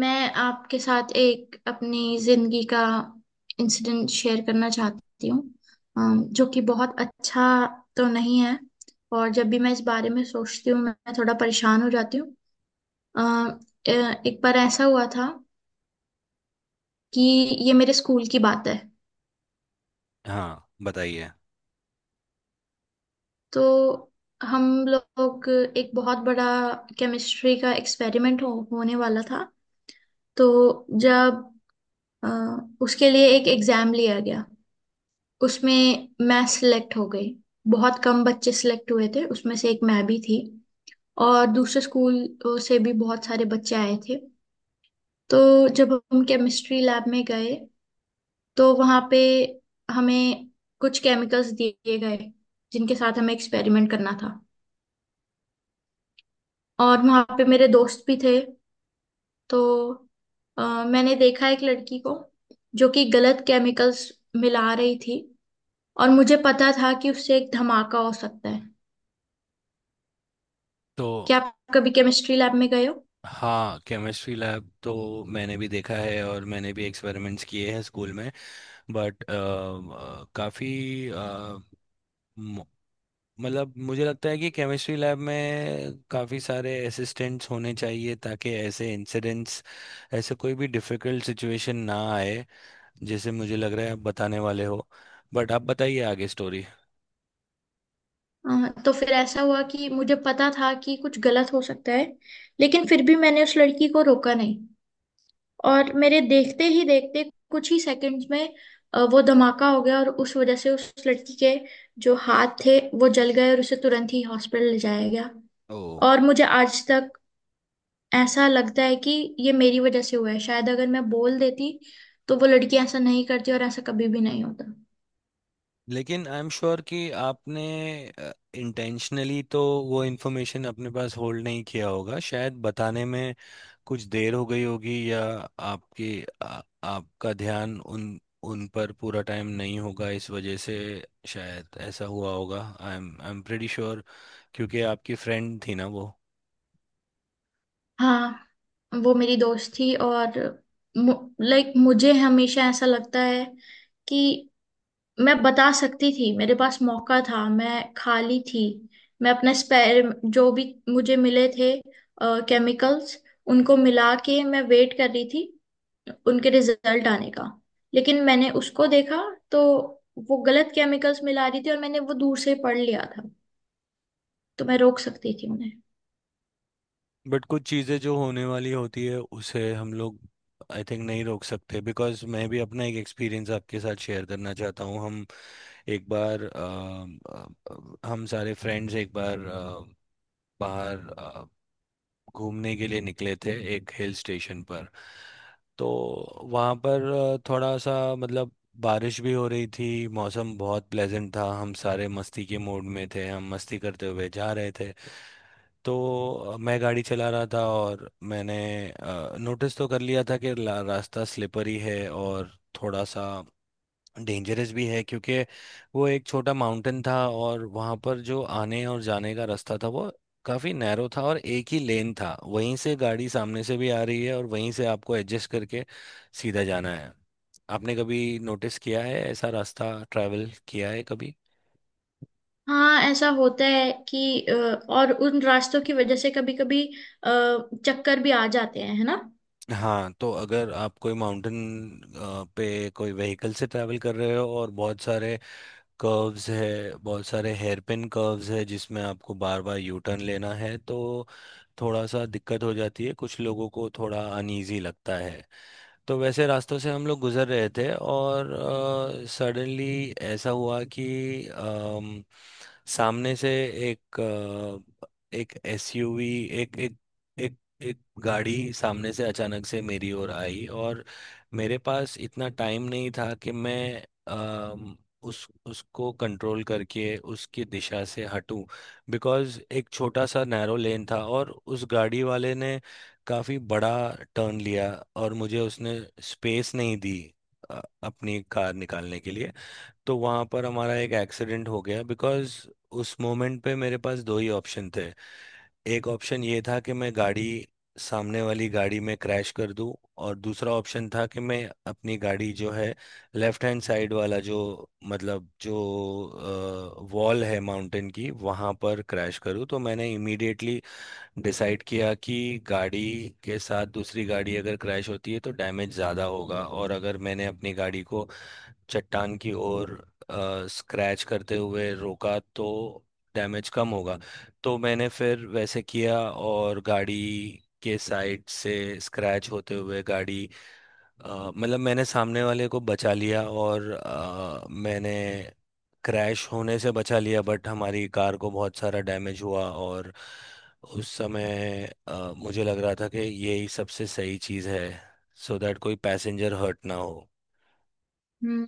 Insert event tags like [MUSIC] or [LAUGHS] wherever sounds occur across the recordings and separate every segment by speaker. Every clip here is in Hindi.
Speaker 1: मैं आपके साथ एक अपनी जिंदगी का इंसिडेंट शेयर करना चाहती हूँ जो कि बहुत अच्छा तो नहीं है। और जब भी मैं इस बारे में सोचती हूँ मैं थोड़ा परेशान हो जाती हूँ। अम, अ, एक बार ऐसा हुआ था कि ये मेरे स्कूल की बात है।
Speaker 2: हाँ बताइए।
Speaker 1: तो हम लोग एक बहुत बड़ा केमिस्ट्री का एक्सपेरिमेंट होने वाला था। तो जब अ, उसके लिए एक एग्जाम लिया गया उसमें मैं सिलेक्ट हो गई। बहुत कम बच्चे सिलेक्ट हुए थे उसमें से एक मैं भी थी। और दूसरे स्कूल से भी बहुत सारे बच्चे आए थे। तो जब हम केमिस्ट्री लैब में गए तो वहाँ पे हमें कुछ केमिकल्स दिए गए जिनके साथ हमें एक्सपेरिमेंट करना था। और वहाँ पे मेरे दोस्त भी थे। तो मैंने देखा एक लड़की को जो कि गलत केमिकल्स मिला रही थी। और मुझे पता था कि उससे एक धमाका हो सकता है।
Speaker 2: तो।
Speaker 1: क्या आप कभी केमिस्ट्री लैब में गए हो?
Speaker 2: हाँ, केमिस्ट्री लैब तो मैंने भी देखा है और मैंने भी एक्सपेरिमेंट्स किए हैं स्कूल में। बट काफ़ी मतलब मुझे लगता है कि केमिस्ट्री लैब में काफ़ी सारे असिस्टेंट्स होने चाहिए ताकि ऐसे इंसिडेंट्स ऐसे कोई भी डिफ़िकल्ट सिचुएशन ना आए जैसे मुझे लग रहा है आप बताने वाले हो। बट आप बताइए आगे स्टोरी।
Speaker 1: तो फिर ऐसा हुआ कि मुझे पता था कि कुछ गलत हो सकता है लेकिन फिर भी मैंने उस लड़की को रोका नहीं। और मेरे देखते ही देखते कुछ ही सेकंड्स में वो धमाका हो गया और उस वजह से उस लड़की के जो हाथ थे वो जल गए और उसे तुरंत ही हॉस्पिटल ले जाया गया।
Speaker 2: ओ।
Speaker 1: और मुझे आज तक ऐसा लगता है कि ये मेरी वजह से हुआ है। शायद अगर मैं बोल देती तो वो लड़की ऐसा नहीं करती और ऐसा कभी भी नहीं होता।
Speaker 2: लेकिन आई एम श्योर कि आपने इंटेंशनली तो वो इन्फॉर्मेशन अपने पास होल्ड नहीं किया होगा। शायद बताने में कुछ देर हो गई होगी या आपकी आपका ध्यान उन उन पर पूरा टाइम नहीं होगा इस वजह से शायद ऐसा हुआ होगा। आई एम प्रेटी श्योर क्योंकि आपकी फ्रेंड थी ना वो।
Speaker 1: हाँ, वो मेरी दोस्त थी और लाइक मुझे हमेशा ऐसा लगता है कि मैं बता सकती थी। मेरे पास मौका था, मैं खाली थी। मैं अपने स्पेयर, जो भी मुझे मिले थे केमिकल्स, उनको मिला के मैं वेट कर रही थी उनके रिजल्ट आने का। लेकिन मैंने उसको देखा तो वो गलत केमिकल्स मिला रही थी और मैंने वो दूर से पढ़ लिया था। तो मैं रोक सकती थी उन्हें।
Speaker 2: बट कुछ चीज़ें जो होने वाली होती है उसे हम लोग आई थिंक नहीं रोक सकते बिकॉज मैं भी अपना एक एक्सपीरियंस आपके साथ शेयर करना चाहता हूँ। हम एक बार हम सारे फ्रेंड्स एक बार बाहर घूमने के लिए निकले थे एक हिल स्टेशन पर। तो वहाँ पर थोड़ा सा मतलब बारिश भी हो रही थी। मौसम बहुत प्लेजेंट था। हम सारे मस्ती के मूड में थे। हम मस्ती करते हुए जा रहे थे। तो मैं गाड़ी चला रहा था और मैंने नोटिस तो कर लिया था कि रास्ता स्लिपरी है और थोड़ा सा डेंजरस भी है क्योंकि वो एक छोटा माउंटेन था और वहां पर जो आने और जाने का रास्ता था वो काफी नैरो था और एक ही लेन था। वहीं से गाड़ी सामने से भी आ रही है और वहीं से आपको एडजस्ट करके सीधा जाना है। आपने कभी नोटिस किया है? ऐसा रास्ता ट्रैवल किया है कभी?
Speaker 1: हाँ, ऐसा होता है कि और उन रास्तों की वजह से कभी कभी चक्कर भी आ जाते हैं, है ना।
Speaker 2: हाँ, तो अगर आप कोई माउंटेन पे कोई व्हीकल से ट्रैवल कर रहे हो और बहुत सारे कर्व्स है बहुत सारे हेयर पिन कर्व्स है जिसमें आपको बार बार यू टर्न लेना है तो थोड़ा सा दिक्कत हो जाती है कुछ लोगों को थोड़ा अनईजी लगता है। तो वैसे रास्तों से हम लोग गुजर रहे थे और सडनली ऐसा हुआ कि अम, सामने से एक अ, एक SUV एक एक एक एक गाड़ी सामने से अचानक से मेरी ओर आई और मेरे पास इतना टाइम नहीं था कि मैं अम, उस उसको कंट्रोल करके उसकी दिशा से हटूं। बिकॉज़ एक छोटा सा नैरो लेन था और उस गाड़ी वाले ने काफी बड़ा टर्न लिया और मुझे उसने स्पेस नहीं दी अपनी कार निकालने के लिए। तो वहां पर हमारा एक एक्सीडेंट हो गया बिकॉज उस मोमेंट पे मेरे पास दो ही ऑप्शन थे। एक ऑप्शन ये था कि मैं गाड़ी सामने वाली गाड़ी में क्रैश कर दूं और दूसरा ऑप्शन था कि मैं अपनी गाड़ी जो है लेफ्ट हैंड साइड वाला जो मतलब जो वॉल है माउंटेन की वहां पर क्रैश करूं। तो मैंने इमीडिएटली डिसाइड किया कि गाड़ी के साथ दूसरी गाड़ी अगर क्रैश होती है तो डैमेज ज़्यादा होगा और अगर मैंने अपनी गाड़ी को चट्टान की ओर स्क्रैच करते हुए रोका तो डैमेज कम होगा। तो मैंने फिर वैसे किया और गाड़ी के साइड से स्क्रैच होते हुए गाड़ी मतलब मैंने सामने वाले को बचा लिया और मैंने क्रैश होने से बचा लिया बट हमारी कार को बहुत सारा डैमेज हुआ। और उस समय मुझे लग रहा था कि यही सबसे सही चीज़ है सो so दैट कोई पैसेंजर हर्ट ना हो।
Speaker 1: हम्म।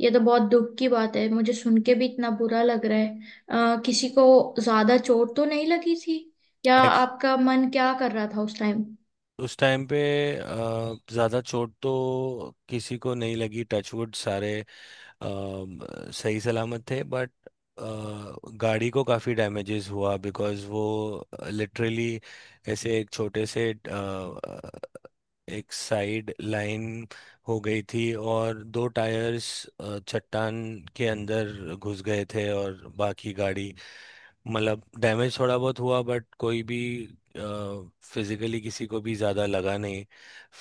Speaker 1: ये तो बहुत दुख की बात है, मुझे सुन के भी इतना बुरा लग रहा है। किसी को ज्यादा चोट तो नहीं लगी थी? या
Speaker 2: एक्च-
Speaker 1: आपका मन क्या कर रहा था उस टाइम?
Speaker 2: उस टाइम पे ज़्यादा चोट तो किसी को नहीं लगी। टचवुड सारे अम, सही सलामत थे। बट गाड़ी को काफ़ी डैमेजेस हुआ बिकॉज़ वो लिटरली ऐसे एक छोटे से एक साइड लाइन हो गई थी और दो टायर्स चट्टान के अंदर घुस गए थे और बाकी गाड़ी मतलब डैमेज थोड़ा बहुत हुआ बट कोई भी फिजिकली किसी को भी ज़्यादा लगा नहीं।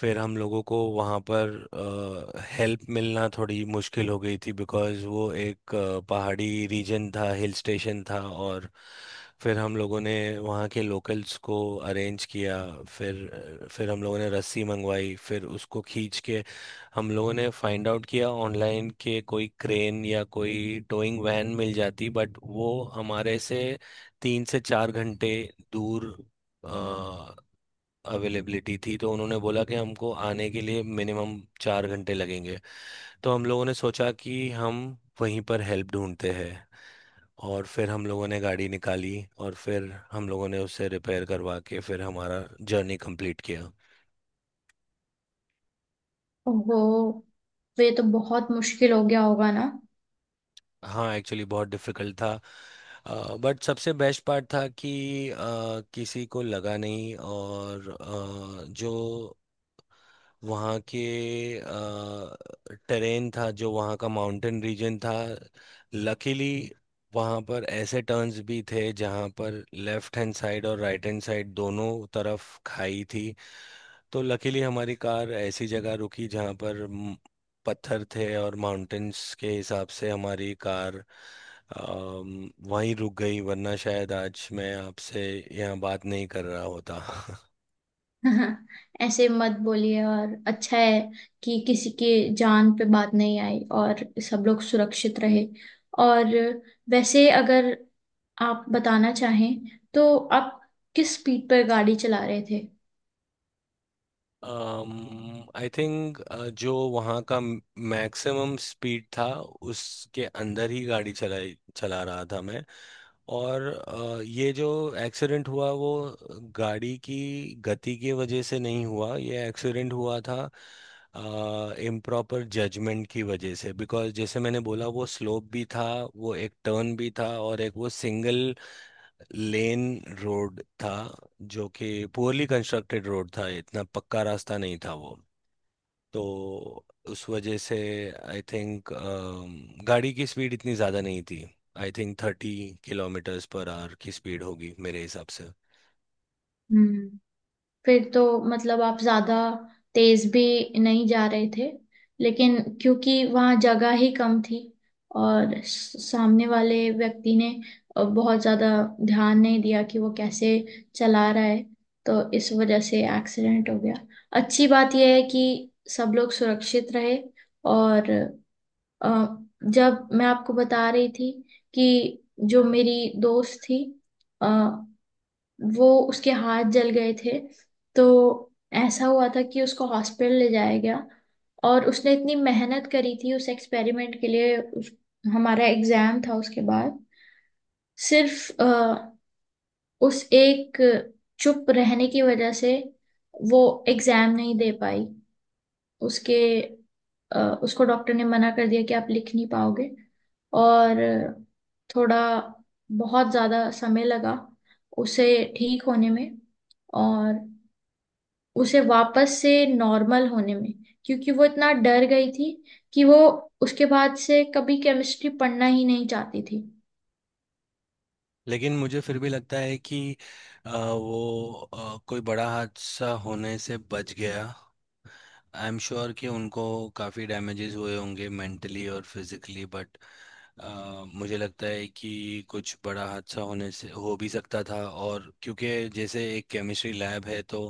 Speaker 2: फिर हम लोगों को वहाँ पर हेल्प मिलना थोड़ी मुश्किल हो गई थी बिकॉज़ वो एक पहाड़ी रीजन था हिल स्टेशन था। और फिर हम लोगों ने वहाँ के लोकल्स को अरेंज किया। फिर हम लोगों ने रस्सी मंगवाई फिर उसको खींच के हम लोगों ने फाइंड आउट किया ऑनलाइन के कोई क्रेन या कोई टोइंग वैन मिल जाती। बट वो हमारे से 3 से 4 घंटे दूर अवेलेबिलिटी थी तो उन्होंने बोला कि हमको आने के लिए मिनिमम 4 घंटे लगेंगे। तो हम लोगों ने सोचा कि हम वहीं पर हेल्प ढूंढते हैं और फिर हम लोगों ने गाड़ी निकाली और फिर हम लोगों ने उसे रिपेयर करवा के फिर हमारा जर्नी कंप्लीट किया।
Speaker 1: ओहो। तो ये तो बहुत मुश्किल हो गया होगा ना।
Speaker 2: हाँ, एक्चुअली बहुत डिफिकल्ट था बट सबसे बेस्ट पार्ट था कि किसी को लगा नहीं और जो वहाँ के टेरेन था जो वहाँ का माउंटेन रीजन था। लकीली वहाँ पर ऐसे टर्न्स भी थे जहाँ पर लेफ्ट हैंड साइड और राइट हैंड साइड दोनों तरफ खाई थी तो लकीली हमारी कार ऐसी जगह रुकी जहाँ पर पत्थर थे और माउंटेन्स के हिसाब से हमारी कार वहीं रुक गई वरना शायद आज मैं आपसे यहाँ बात नहीं कर रहा होता [LAUGHS]
Speaker 1: [LAUGHS] हाँ, ऐसे मत बोलिए। और अच्छा है कि किसी की जान पे बात नहीं आई और सब लोग सुरक्षित रहे। और वैसे अगर आप बताना चाहें तो आप किस स्पीड पर गाड़ी चला रहे थे?
Speaker 2: आई थिंक जो वहाँ का मैक्सिमम स्पीड था उसके अंदर ही गाड़ी चला रहा था मैं। और ये जो एक्सीडेंट हुआ वो गाड़ी की गति की वजह से नहीं हुआ। ये एक्सीडेंट हुआ था इम्प्रॉपर जजमेंट की वजह से बिकॉज जैसे मैंने बोला वो स्लोप भी था वो एक टर्न भी था और एक वो सिंगल लेन रोड था जो कि पुअरली कंस्ट्रक्टेड रोड था इतना पक्का रास्ता नहीं था वो। तो उस वजह से आई थिंक गाड़ी की स्पीड इतनी ज़्यादा नहीं थी। I think 30 kilometres per hour की स्पीड होगी मेरे हिसाब से।
Speaker 1: हम्म। फिर तो मतलब आप ज्यादा तेज भी नहीं जा रहे थे। लेकिन क्योंकि वहाँ जगह ही कम थी और सामने वाले व्यक्ति ने बहुत ज्यादा ध्यान नहीं दिया कि वो कैसे चला रहा है, तो इस वजह से एक्सीडेंट हो गया। अच्छी बात यह है कि सब लोग सुरक्षित रहे। और अ, जब मैं आपको बता रही थी कि जो मेरी दोस्त थी अ, वो उसके हाथ जल गए थे तो ऐसा हुआ था कि उसको हॉस्पिटल ले जाया गया। और उसने इतनी मेहनत करी थी उस एक्सपेरिमेंट के लिए, हमारा एग्जाम था उसके बाद। सिर्फ उस एक चुप रहने की वजह से वो एग्जाम नहीं दे पाई। उसके उसको डॉक्टर ने मना कर दिया कि आप लिख नहीं पाओगे। और थोड़ा बहुत ज़्यादा समय लगा उसे ठीक होने में और उसे वापस से नॉर्मल होने में। क्योंकि वो इतना डर गई थी कि वो उसके बाद से कभी केमिस्ट्री पढ़ना ही नहीं चाहती थी।
Speaker 2: लेकिन मुझे फिर भी लगता है कि वो कोई बड़ा हादसा होने से बच गया। आई एम श्योर कि उनको काफ़ी डैमेजेस हुए होंगे मेंटली और फिजिकली बट मुझे लगता है कि कुछ बड़ा हादसा होने से हो भी सकता था। और क्योंकि जैसे एक केमिस्ट्री लैब है तो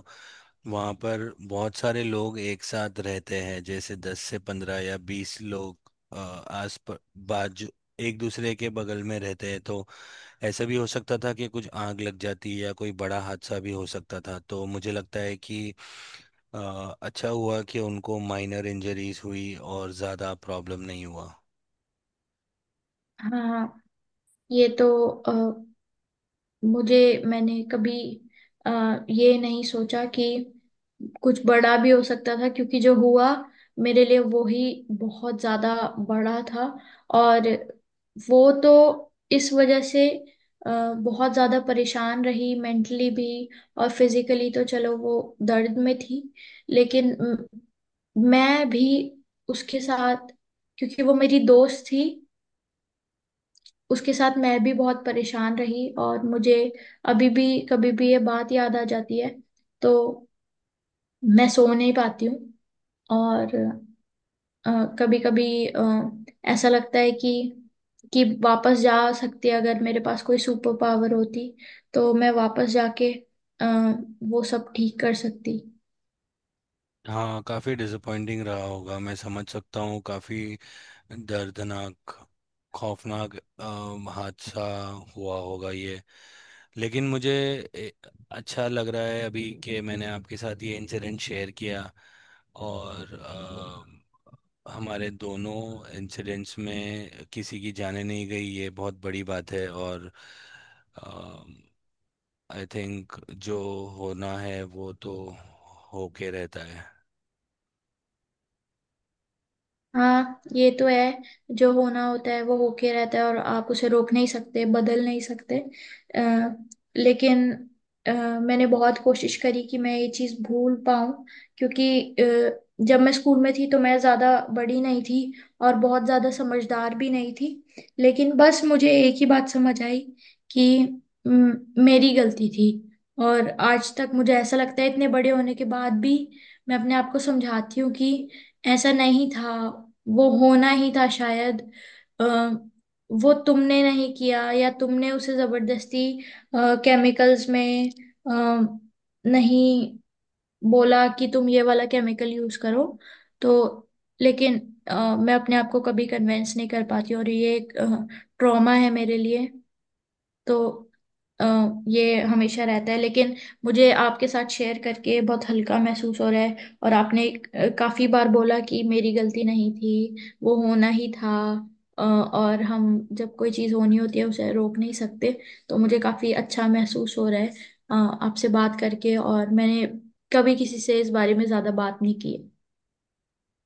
Speaker 2: वहाँ पर बहुत सारे लोग एक साथ रहते हैं जैसे 10 से 15 या 20 लोग अ, आस प- बाजू एक दूसरे के बगल में रहते हैं तो ऐसा भी हो सकता था कि कुछ आग लग जाती या कोई बड़ा हादसा भी हो सकता था। तो मुझे लगता है कि अ, अच्छा हुआ कि उनको माइनर इंजरीज हुई और ज़्यादा प्रॉब्लम नहीं हुआ।
Speaker 1: हाँ, ये तो मुझे, मैंने कभी ये नहीं सोचा कि कुछ बड़ा भी हो सकता था। क्योंकि जो हुआ मेरे लिए वो ही बहुत ज्यादा बड़ा था। और वो तो इस वजह से बहुत ज्यादा परेशान रही मेंटली भी। और फिजिकली तो चलो वो दर्द में थी लेकिन मैं भी उसके साथ, क्योंकि वो मेरी दोस्त थी, उसके साथ मैं भी बहुत परेशान रही। और मुझे अभी भी कभी भी ये बात याद आ जाती है तो मैं सो नहीं पाती हूँ। और कभी कभी ऐसा लगता है कि वापस जा सकती, अगर मेरे पास कोई सुपर पावर होती तो मैं वापस जाके अ, वो सब ठीक कर सकती।
Speaker 2: हाँ, काफ़ी डिसअपॉइंटिंग रहा होगा। मैं समझ सकता हूँ। काफ़ी दर्दनाक खौफनाक हादसा हुआ होगा ये। लेकिन मुझे ए, अच्छा लग रहा है अभी कि मैंने आपके साथ ये इंसिडेंट शेयर किया और हमारे दोनों इंसिडेंट्स में किसी की जाने नहीं गई। ये बहुत बड़ी बात है और आई थिंक जो होना है वो तो होके रहता है।
Speaker 1: हाँ, ये तो है। जो होना होता है वो होके रहता है और आप उसे रोक नहीं सकते, बदल नहीं सकते। आ, लेकिन अ, मैंने बहुत कोशिश करी कि मैं ये चीज़ भूल पाऊं। क्योंकि जब मैं स्कूल में थी तो मैं ज़्यादा बड़ी नहीं थी और बहुत ज़्यादा समझदार भी नहीं थी। लेकिन बस मुझे एक ही बात समझ आई कि म, मेरी गलती थी। और आज तक मुझे ऐसा लगता है। इतने बड़े होने के बाद भी मैं अपने आप को समझाती हूँ कि ऐसा नहीं था, वो होना ही था शायद। अ, वो तुमने नहीं किया या तुमने उसे जबरदस्ती केमिकल्स में अ, नहीं बोला कि तुम ये वाला केमिकल यूज करो। तो लेकिन मैं अपने आप को कभी कन्वेंस नहीं कर पाती और ये एक ट्रॉमा है मेरे लिए। तो अ, ये हमेशा रहता है। लेकिन मुझे आपके साथ शेयर करके बहुत हल्का महसूस हो रहा है। और आपने काफी बार बोला कि मेरी गलती नहीं थी, वो होना ही था। और हम, जब कोई चीज़ होनी होती है उसे रोक नहीं सकते। तो मुझे काफी अच्छा महसूस हो रहा है आपसे बात करके। और मैंने कभी किसी से इस बारे में ज्यादा बात नहीं की है।